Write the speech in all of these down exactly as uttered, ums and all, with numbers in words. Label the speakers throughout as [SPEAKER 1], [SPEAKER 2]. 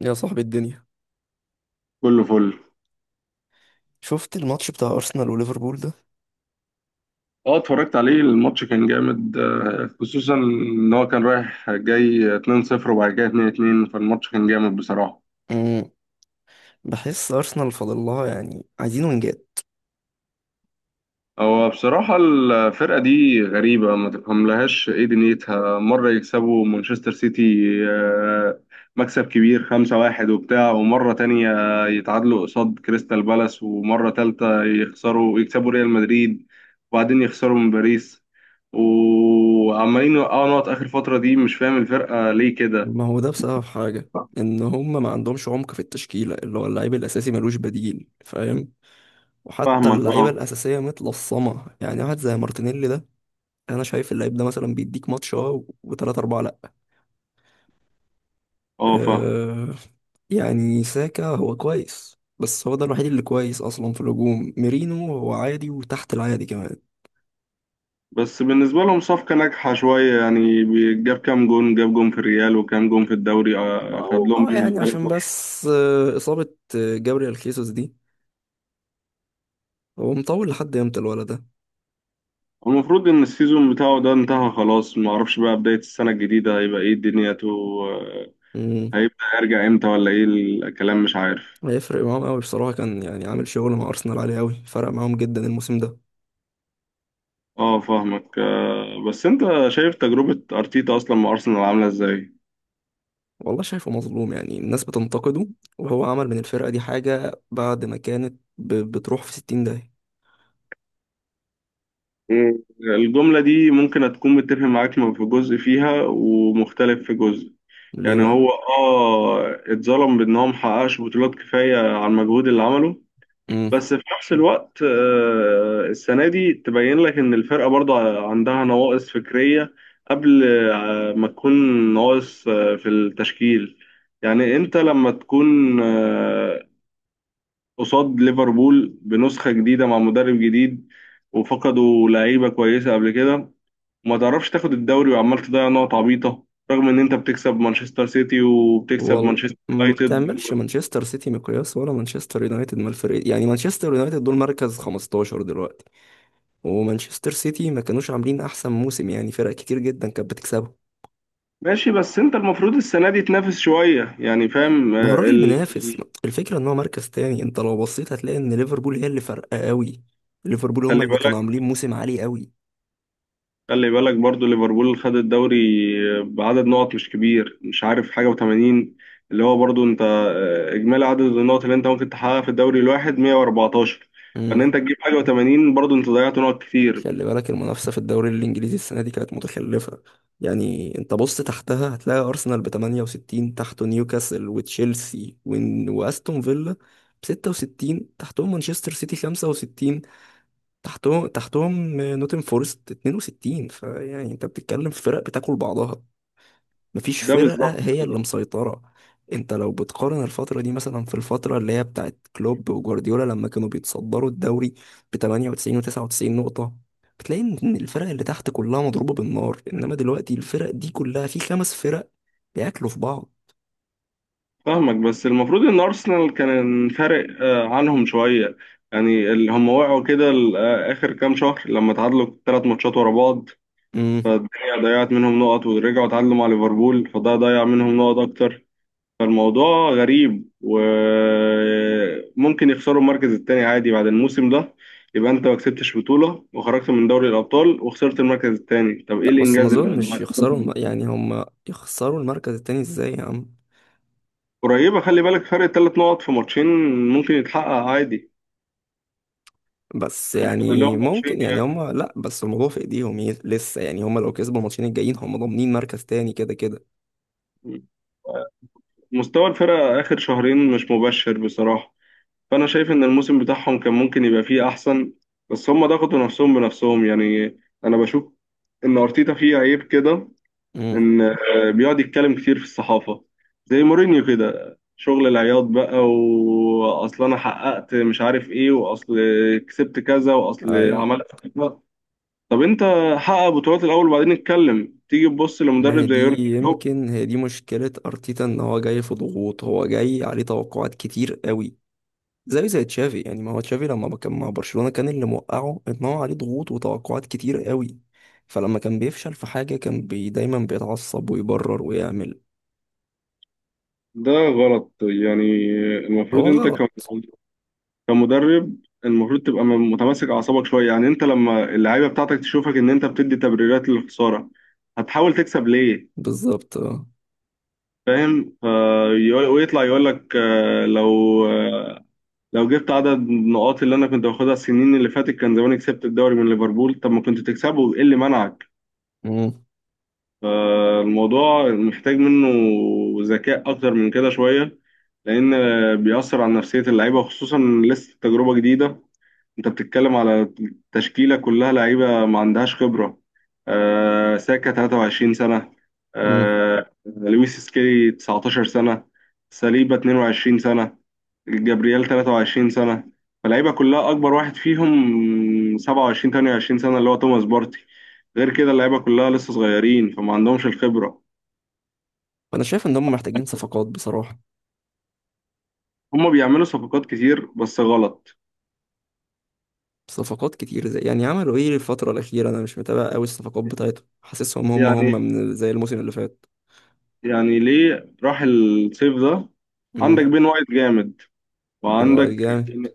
[SPEAKER 1] يا صاحبي الدنيا،
[SPEAKER 2] كله فل
[SPEAKER 1] شفت الماتش بتاع أرسنال وليفربول ده؟
[SPEAKER 2] اه، اتفرجت عليه الماتش كان جامد آه، خصوصا ان هو كان رايح جاي اتنين صفر وبعد كده اتنين اتنين فالماتش كان جامد بصراحة.
[SPEAKER 1] مم. بحس أرسنال فاضل لها، يعني عايزين وينجات.
[SPEAKER 2] هو بصراحة الفرقة دي غريبة ما تفهملهاش ايه دنيتها مرة يكسبوا مانشستر سيتي آه، مكسب كبير خمسة واحد وبتاع ومرة تانية يتعادلوا قصاد كريستال بالاس ومرة تالتة يخسروا يكسبوا ريال مدريد وبعدين يخسروا من باريس وعمالين يوقعوا نقط آخر فترة دي مش فاهم الفرقة ليه كده.
[SPEAKER 1] ما هو ده بسبب حاجة، إن هم ما عندهمش عمق في التشكيلة، اللي هو اللعيب الأساسي ملوش بديل فاهم. وحتى
[SPEAKER 2] فاهمك
[SPEAKER 1] اللعيبة
[SPEAKER 2] اه.
[SPEAKER 1] الأساسية متلصمة، يعني واحد زي مارتينيلي ده أنا شايف اللعيب ده مثلا بيديك ماتش اه وتلاتة أربعة لأ.
[SPEAKER 2] اه فاهم.
[SPEAKER 1] أه، يعني ساكا هو كويس، بس هو ده الوحيد اللي كويس أصلا في الهجوم. ميرينو هو عادي وتحت العادي كمان.
[SPEAKER 2] بس بالنسبة لهم صفقة ناجحة شوية يعني بي- جاب كام جون جاب جون في الريال وكام جون في الدوري آه، خد
[SPEAKER 1] اه،
[SPEAKER 2] لهم
[SPEAKER 1] آه،
[SPEAKER 2] بيه من
[SPEAKER 1] يعني
[SPEAKER 2] فريق
[SPEAKER 1] عشان
[SPEAKER 2] واحد.
[SPEAKER 1] بس آه، إصابة آه، جابريال خيسوس دي، هو مطول لحد امتى الولد ده؟
[SPEAKER 2] المفروض إن السيزون بتاعه ده انتهى خلاص ما أعرفش بقى بداية السنة الجديدة هيبقى إيه دنيته آه،
[SPEAKER 1] مم.
[SPEAKER 2] هيبدأ يرجع إمتى ولا إيه الكلام مش عارف.
[SPEAKER 1] هيفرق معاهم قوي بصراحة، كان يعني عامل شغل مع أرسنال عالي قوي، فرق معاهم جدا الموسم ده.
[SPEAKER 2] أه فاهمك آه، بس أنت شايف تجربة أرتيتا أصلا مع أرسنال عاملة إزاي؟
[SPEAKER 1] والله شايفه مظلوم، يعني الناس بتنتقده، وهو عمل من الفرقة دي حاجة بعد ما كانت ب- بتروح في ستين داهية.
[SPEAKER 2] مم. الجملة دي ممكن هتكون متفق معاك في جزء فيها ومختلف في جزء.
[SPEAKER 1] ليه
[SPEAKER 2] يعني
[SPEAKER 1] بقى؟
[SPEAKER 2] هو اه اتظلم بان هو محققش بطولات كفايه على المجهود اللي عمله.
[SPEAKER 1] مم.
[SPEAKER 2] بس في نفس الوقت آه، السنه دي تبين لك ان الفرقه برضه عندها نواقص فكريه قبل آه، ما تكون نواقص آه، في التشكيل. يعني انت لما تكون آه، قصاد ليفربول بنسخه جديده مع مدرب جديد وفقدوا لعيبه كويسه قبل كده وما تعرفش تاخد الدوري وعمال تضيع نقط عبيطة رغم ان انت بتكسب مانشستر سيتي وبتكسب
[SPEAKER 1] والله
[SPEAKER 2] مانشستر
[SPEAKER 1] ما
[SPEAKER 2] يونايتد.
[SPEAKER 1] تعملش
[SPEAKER 2] و-
[SPEAKER 1] مانشستر سيتي مقياس ولا مانشستر يونايتد من الفريق، يعني مانشستر يونايتد دول مركز خمسة عشر دلوقتي، ومانشستر سيتي ما كانوش عاملين احسن موسم، يعني فرق كتير جدا كانت بتكسبه.
[SPEAKER 2] ماشي بس انت المفروض السنة دي تنافس شوية يعني فاهم.
[SPEAKER 1] ما هو
[SPEAKER 2] آه،
[SPEAKER 1] الراجل
[SPEAKER 2] ال...
[SPEAKER 1] منافس، الفكره ان هو مركز تاني. انت لو بصيت هتلاقي ان ليفربول هي اللي فارقه قوي، ليفربول هم
[SPEAKER 2] خلي
[SPEAKER 1] اللي كانوا
[SPEAKER 2] بالك
[SPEAKER 1] عاملين موسم عالي قوي.
[SPEAKER 2] خلي بالك برضو ليفربول خد الدوري آه، بعدد نقط مش كبير مش عارف حاجة و80. اللي هو برضو انت آه، اجمالي عدد النقط اللي انت ممكن تحققها في الدوري الواحد مية واربعتاشر فان
[SPEAKER 1] امم،
[SPEAKER 2] انت تجيب حاجة و80 برضو انت ضيعت نقط كتير.
[SPEAKER 1] خلي بالك المنافسه في الدوري الانجليزي السنه دي كانت متخلفه. يعني انت بص تحتها هتلاقي ارسنال ب تمانية وستين، تحته نيوكاسل وتشيلسي ون- واستون فيلا ب ستة وستين، تحتهم مانشستر سيتي خمسة وستين، تحتهم تحتهم نوتن فورست اتنين وستين، فيعني انت بتتكلم في فرق بتاكل بعضها، مفيش
[SPEAKER 2] ده
[SPEAKER 1] فرقة
[SPEAKER 2] بالظبط.
[SPEAKER 1] هي اللي مسيطرة. انت لو بتقارن الفترة دي مثلا في الفترة اللي هي بتاعت كلوب وجوارديولا لما كانوا بيتصدروا الدوري ب تمانية وتسعين و99 نقطة، بتلاقي ان الفرق اللي تحت كلها مضروبة بالنار، انما دلوقتي الفرق دي كلها في خمس فرق بياكلوا في بعض.
[SPEAKER 2] فاهمك بس المفروض ان ارسنال كان فارق آه، عنهم شويه يعني اللي هم وقعوا كده ال- آه، اخر كام شهر لما تعادلوا ثلاث ماتشات ورا بعض.
[SPEAKER 1] امم.
[SPEAKER 2] فالدنيا ضيعت منهم نقط ورجعوا تعادلوا مع ليفربول فده ضيع منهم نقط اكتر. فالموضوع غريب وممكن يخسروا المركز التاني عادي بعد الموسم ده. يبقى انت ما كسبتش بطوله وخرجت من دوري الابطال وخسرت المركز التاني طب ايه
[SPEAKER 1] لا بس ما
[SPEAKER 2] الانجاز اللي
[SPEAKER 1] اظنش يخسروا الم- يعني هم يخسروا المركز التاني ازاي يا عم؟
[SPEAKER 2] قريبه. خلي بالك فرق ثلاث نقط في ماتشين ممكن يتحقق عادي.
[SPEAKER 1] بس
[SPEAKER 2] اللي
[SPEAKER 1] يعني
[SPEAKER 2] هم ماتشين
[SPEAKER 1] ممكن، يعني
[SPEAKER 2] يعني
[SPEAKER 1] هم لا، بس الموضوع في ايديهم، ي- لسه يعني هم لو كسبوا الماتشين الجايين هم ضامنين مركز تاني كده كده.
[SPEAKER 2] مستوى الفرقة آخر شهرين مش مبشر بصراحة. فأنا شايف إن الموسم بتاعهم كان ممكن يبقى فيه أحسن بس هم ضغطوا نفسهم بنفسهم يعني. أنا بشوف إن أرتيتا فيه عيب كده
[SPEAKER 1] امم.
[SPEAKER 2] إن آه، بيقعد يتكلم كتير في الصحافة زي مورينيو كده شغل العياط بقى وأصل أنا حققت مش عارف إيه وأصل كسبت كذا وأصل
[SPEAKER 1] ايوه.
[SPEAKER 2] عملت كذا. طب أنت حقق بطولات الأول وبعدين اتكلم تيجي تبص
[SPEAKER 1] ما هي
[SPEAKER 2] لمدرب زي
[SPEAKER 1] دي،
[SPEAKER 2] يورجن كلوب.
[SPEAKER 1] يمكن هي دي مشكلة ارتيتا، ان هو جاي في ضغوط، هو جاي عليه توقعات كتير قوي. زي زي تشافي يعني، ما هو تشافي لما كان مع برشلونة كان اللي موقعه ان هو عليه ضغوط وتوقعات كتير قوي، فلما كان بيفشل في حاجة كان بي دايما بيتعصب ويبرر ويعمل.
[SPEAKER 2] ده غلط يعني. المفروض
[SPEAKER 1] هو
[SPEAKER 2] انت
[SPEAKER 1] غلط.
[SPEAKER 2] كم- كمدرب المفروض تبقى م- متماسك اعصابك شويه يعني انت لما اللعيبه بتاعتك تشوفك ان انت بتدي تبريرات للخساره هتحاول تكسب ليه.
[SPEAKER 1] بالظبط اه.
[SPEAKER 2] فاهم. فيقول- ويطلع يقول لك آه، لو آه، لو جبت عدد النقاط اللي انا كنت باخدها السنين اللي فاتت كان زماني كسبت الدوري من ليفربول. طب ما كنت تكسبه ايه اللي منعك؟ فالموضوع محتاج منه ذكاء أكتر من كده شوية لأن بيأثر على نفسية اللعيبة وخصوصا لسه تجربة جديدة. أنت بتتكلم على تشكيلة كلها لعيبة ما عندهاش خبرة. آه ساكا تلاتة وعشرين سنة
[SPEAKER 1] امم.
[SPEAKER 2] آه لويس سكيلي تسعتاشر سنة ساليبا اتنين وعشرين سنة جابرييل تلاتة وعشرين سنة. فاللعيبة كلها أكبر واحد فيهم سبعة وعشرين ثمانية وعشرين سنة اللي هو توماس بارتي. غير كده اللعيبة كلها لسه صغيرين فما عندهمش الخبرة.
[SPEAKER 1] انا شايف ان هم محتاجين صفقات بصراحه.
[SPEAKER 2] هما بيعملوا صفقات كتير بس غلط.
[SPEAKER 1] صفقات كتير، زي يعني عملوا ايه الفتره الاخيره؟ انا مش متابع قوي الصفقات بتاعتهم، حاسسهم هم
[SPEAKER 2] يعني
[SPEAKER 1] هم من زي الموسم اللي فات.
[SPEAKER 2] يعني ليه راح الصيف ده؟ عندك
[SPEAKER 1] امم.
[SPEAKER 2] بين وايت جامد
[SPEAKER 1] بن وايت
[SPEAKER 2] وعندك
[SPEAKER 1] جامد.
[SPEAKER 2] زين-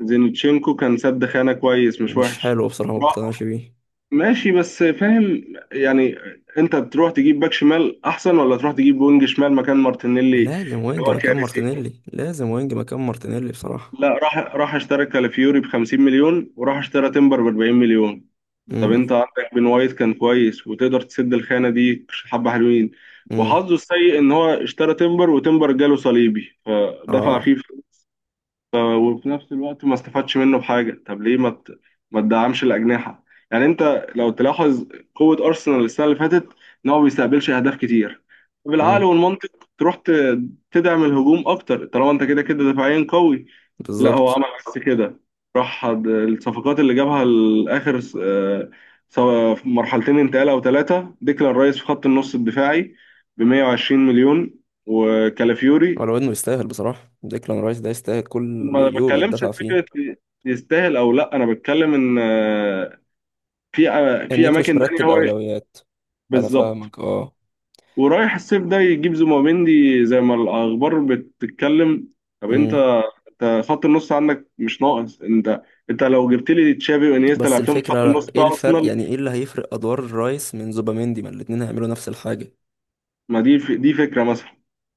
[SPEAKER 2] زينتشينكو كان سد خانة كويس مش
[SPEAKER 1] مش
[SPEAKER 2] وحش.
[SPEAKER 1] حلو بصراحه، ما اقتنعش بيه.
[SPEAKER 2] ماشي بس فاهم. يعني انت تروح تجيب باك شمال احسن ولا تروح تجيب وينج شمال مكان مارتينيلي اللي
[SPEAKER 1] لازم وينج
[SPEAKER 2] هو
[SPEAKER 1] مكان
[SPEAKER 2] كارثي؟
[SPEAKER 1] مارتينيلي، لازم وينج مكان مارتينيلي بصراحه.
[SPEAKER 2] لا راح راح اشترى كالافيوري ب خمسين مليون وراح اشترى تمبر ب اربعين مليون. طب
[SPEAKER 1] امم.
[SPEAKER 2] انت عندك بن وايت كان كويس وتقدر تسد الخانه دي حبه حلوين.
[SPEAKER 1] امم.
[SPEAKER 2] وحظه السيء ان هو اشترى تمبر وتمبر جاله صليبي فدفع
[SPEAKER 1] اه.
[SPEAKER 2] فيه وفي نفس الوقت ما استفادش منه بحاجة. طب ليه ما ت- ما تدعمش الأجنحة؟ يعني أنت لو تلاحظ قوة أرسنال السنة اللي فاتت إن هو ما بيستقبلش أهداف كتير. بالعقل
[SPEAKER 1] امم.
[SPEAKER 2] والمنطق تروح ت- تدعم الهجوم أكتر طالما أنت كده كده دفاعيا قوي. لا هو
[SPEAKER 1] بالظبط.
[SPEAKER 2] عمل بس كده. راح د- الصفقات اللي جابها لآخر س- آه، سواء في مرحلتين انتقال أو ثلاثة، ديكلان رايس في خط النص الدفاعي ب مية وعشرين مليون وكالافيوري.
[SPEAKER 1] ولو انه يستاهل بصراحه، ديكلان رايس ده يستاهل كل
[SPEAKER 2] ما
[SPEAKER 1] يورو
[SPEAKER 2] بتكلمش في
[SPEAKER 1] يتدفع فيه.
[SPEAKER 2] فكره يستاهل او لا، انا بتكلم ان آه، في آه،
[SPEAKER 1] ان
[SPEAKER 2] في
[SPEAKER 1] انت مش
[SPEAKER 2] اماكن تانية
[SPEAKER 1] مرتب
[SPEAKER 2] هو
[SPEAKER 1] اولويات. انا
[SPEAKER 2] بالظبط.
[SPEAKER 1] فاهمك اه.
[SPEAKER 2] ورايح الصيف ده يجيب زومبيندي زي ما الاخبار بتتكلم. طب انت
[SPEAKER 1] امم.
[SPEAKER 2] انت خط النص عندك مش ناقص. انت انت لو جبت لي تشافي وانيستا
[SPEAKER 1] بس
[SPEAKER 2] لعبتهم في خط
[SPEAKER 1] الفكرة
[SPEAKER 2] النص
[SPEAKER 1] ايه
[SPEAKER 2] بتاع
[SPEAKER 1] الفرق،
[SPEAKER 2] ارسنال.
[SPEAKER 1] يعني ايه اللي هيفرق ادوار الرايس من زوباميندي، ما الاتنين هيعملوا نفس الحاجة.
[SPEAKER 2] ما دي ف- دي فكره مثلا.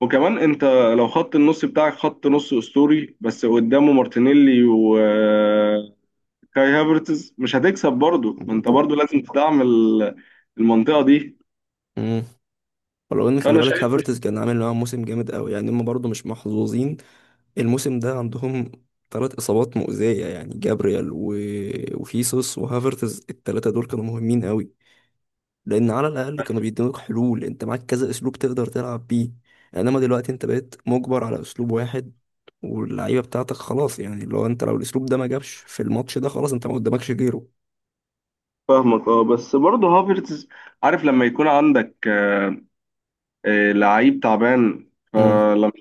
[SPEAKER 2] وكمان انت لو خط النص بتاعك خط نص اسطوري بس قدامه مارتينيلي و كاي هافرتز مش هتكسب برضه، ما انت
[SPEAKER 1] بالظبط.
[SPEAKER 2] برضه لازم تدعم ال- المنطقه دي.
[SPEAKER 1] مم. ولو ان خلي
[SPEAKER 2] فانا
[SPEAKER 1] بالك
[SPEAKER 2] شايف.
[SPEAKER 1] هافرتز كان عامل معاهم موسم جامد قوي، يعني هم برضو مش محظوظين الموسم ده. عندهم ثلاث اصابات مؤذية، يعني جابريال و... وخيسوس وهافرتز، الثلاثة دول كانوا مهمين قوي، لان على الاقل كانوا بيدوك حلول. انت معاك كذا اسلوب تقدر تلعب بيه، انما دلوقتي انت بقيت مجبر على اسلوب واحد، واللعيبه بتاعتك خلاص، يعني لو انت لو الاسلوب ده ما جابش في الماتش ده خلاص انت ما قدامكش غيره.
[SPEAKER 2] فاهمك اه. بس برضه هافرتز، عارف لما يكون عندك آه، آه، لعيب تعبان
[SPEAKER 1] امم.
[SPEAKER 2] فلما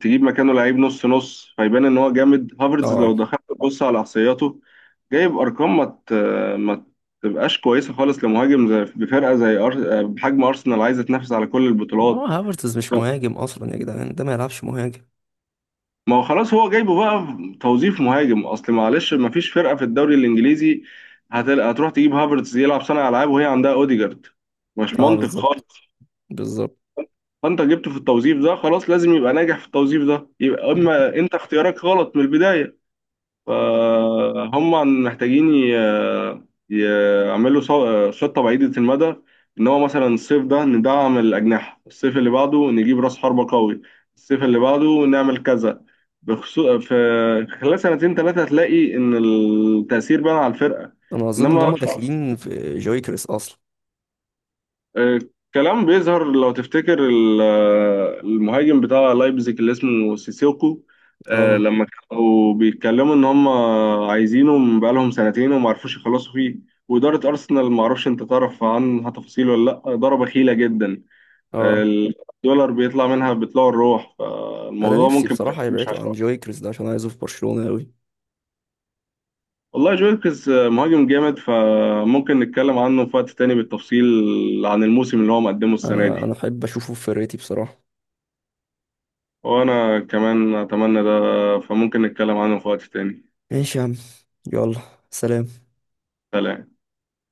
[SPEAKER 2] تجيب مكانه لعيب نص نص فيبان ان هو جامد. هافرتز
[SPEAKER 1] اه،
[SPEAKER 2] لو دخلت تبص على احصائياته جايب ارقام ما ت- ما تبقاش كويسه خالص لمهاجم زي بفرقه زي أر... آه، بحجم ارسنال عايزه تنافس على كل
[SPEAKER 1] هو
[SPEAKER 2] البطولات.
[SPEAKER 1] هافرتز مش مهاجم اصلا يا جدعان، ده ما يلعبش مهاجم.
[SPEAKER 2] ما هو خلاص هو جايبه بقى في توظيف مهاجم، اصل معلش ما فيش فرقه في الدوري الانجليزي هتل... هتروح تجيب هافرتز يلعب صانع العاب وهي عندها اوديجارد. مش
[SPEAKER 1] اه
[SPEAKER 2] منطق
[SPEAKER 1] بالظبط.
[SPEAKER 2] خالص.
[SPEAKER 1] بالظبط.
[SPEAKER 2] فانت جبته في التوظيف ده، خلاص لازم يبقى ناجح في التوظيف ده يبقى.
[SPEAKER 1] مم.
[SPEAKER 2] اما انت اختيارك غلط من البدايه. فهم محتاجين ي- يعملوا صو- خطة بعيدة المدى. إن هو مثلا الصيف ده ندعم الأجنحة، الصيف اللي بعده نجيب رأس حربة قوي، الصيف اللي بعده نعمل كذا. بخصوص في خلال سنتين ثلاثة هتلاقي إن التأثير بان على الفرقة.
[SPEAKER 1] انا اظن ان
[SPEAKER 2] إنما
[SPEAKER 1] هم داخلين في جويكريس اصلا.
[SPEAKER 2] آه، كلام بيظهر لو تفتكر ال- آه، المهاجم بتاع لايبزيج اللي اسمه سيسيوكو، آه،
[SPEAKER 1] اه.
[SPEAKER 2] لما كانوا بيتكلموا ان هم عايزينه من بقالهم سنتين وما عرفوش يخلصوا فيه. وإدارة أرسنال ما اعرفش انت تعرف عنها تفاصيل ولا لأ، إدارة بخيلة جدا،
[SPEAKER 1] اه.
[SPEAKER 2] الدولار بيطلع منها بيطلع الروح
[SPEAKER 1] انا
[SPEAKER 2] فالموضوع
[SPEAKER 1] نفسي
[SPEAKER 2] ممكن ما
[SPEAKER 1] بصراحه
[SPEAKER 2] يكونش
[SPEAKER 1] يبعدوا عن
[SPEAKER 2] عشرة.
[SPEAKER 1] جويكريس ده عشان عايزه في برشلونه قوي.
[SPEAKER 2] والله جويلكس آه، مهاجم جامد فممكن نتكلم عنه في وقت تاني بالتفصيل عن الموسم اللي هو مقدمه السنة
[SPEAKER 1] انا انا
[SPEAKER 2] دي.
[SPEAKER 1] احب اشوفه في فرقتي بصراحه.
[SPEAKER 2] وأنا كمان أتمنى ده. فممكن نتكلم عنه في وقت تاني.
[SPEAKER 1] ماشي يا عم. يلا. سلام.
[SPEAKER 2] سلام.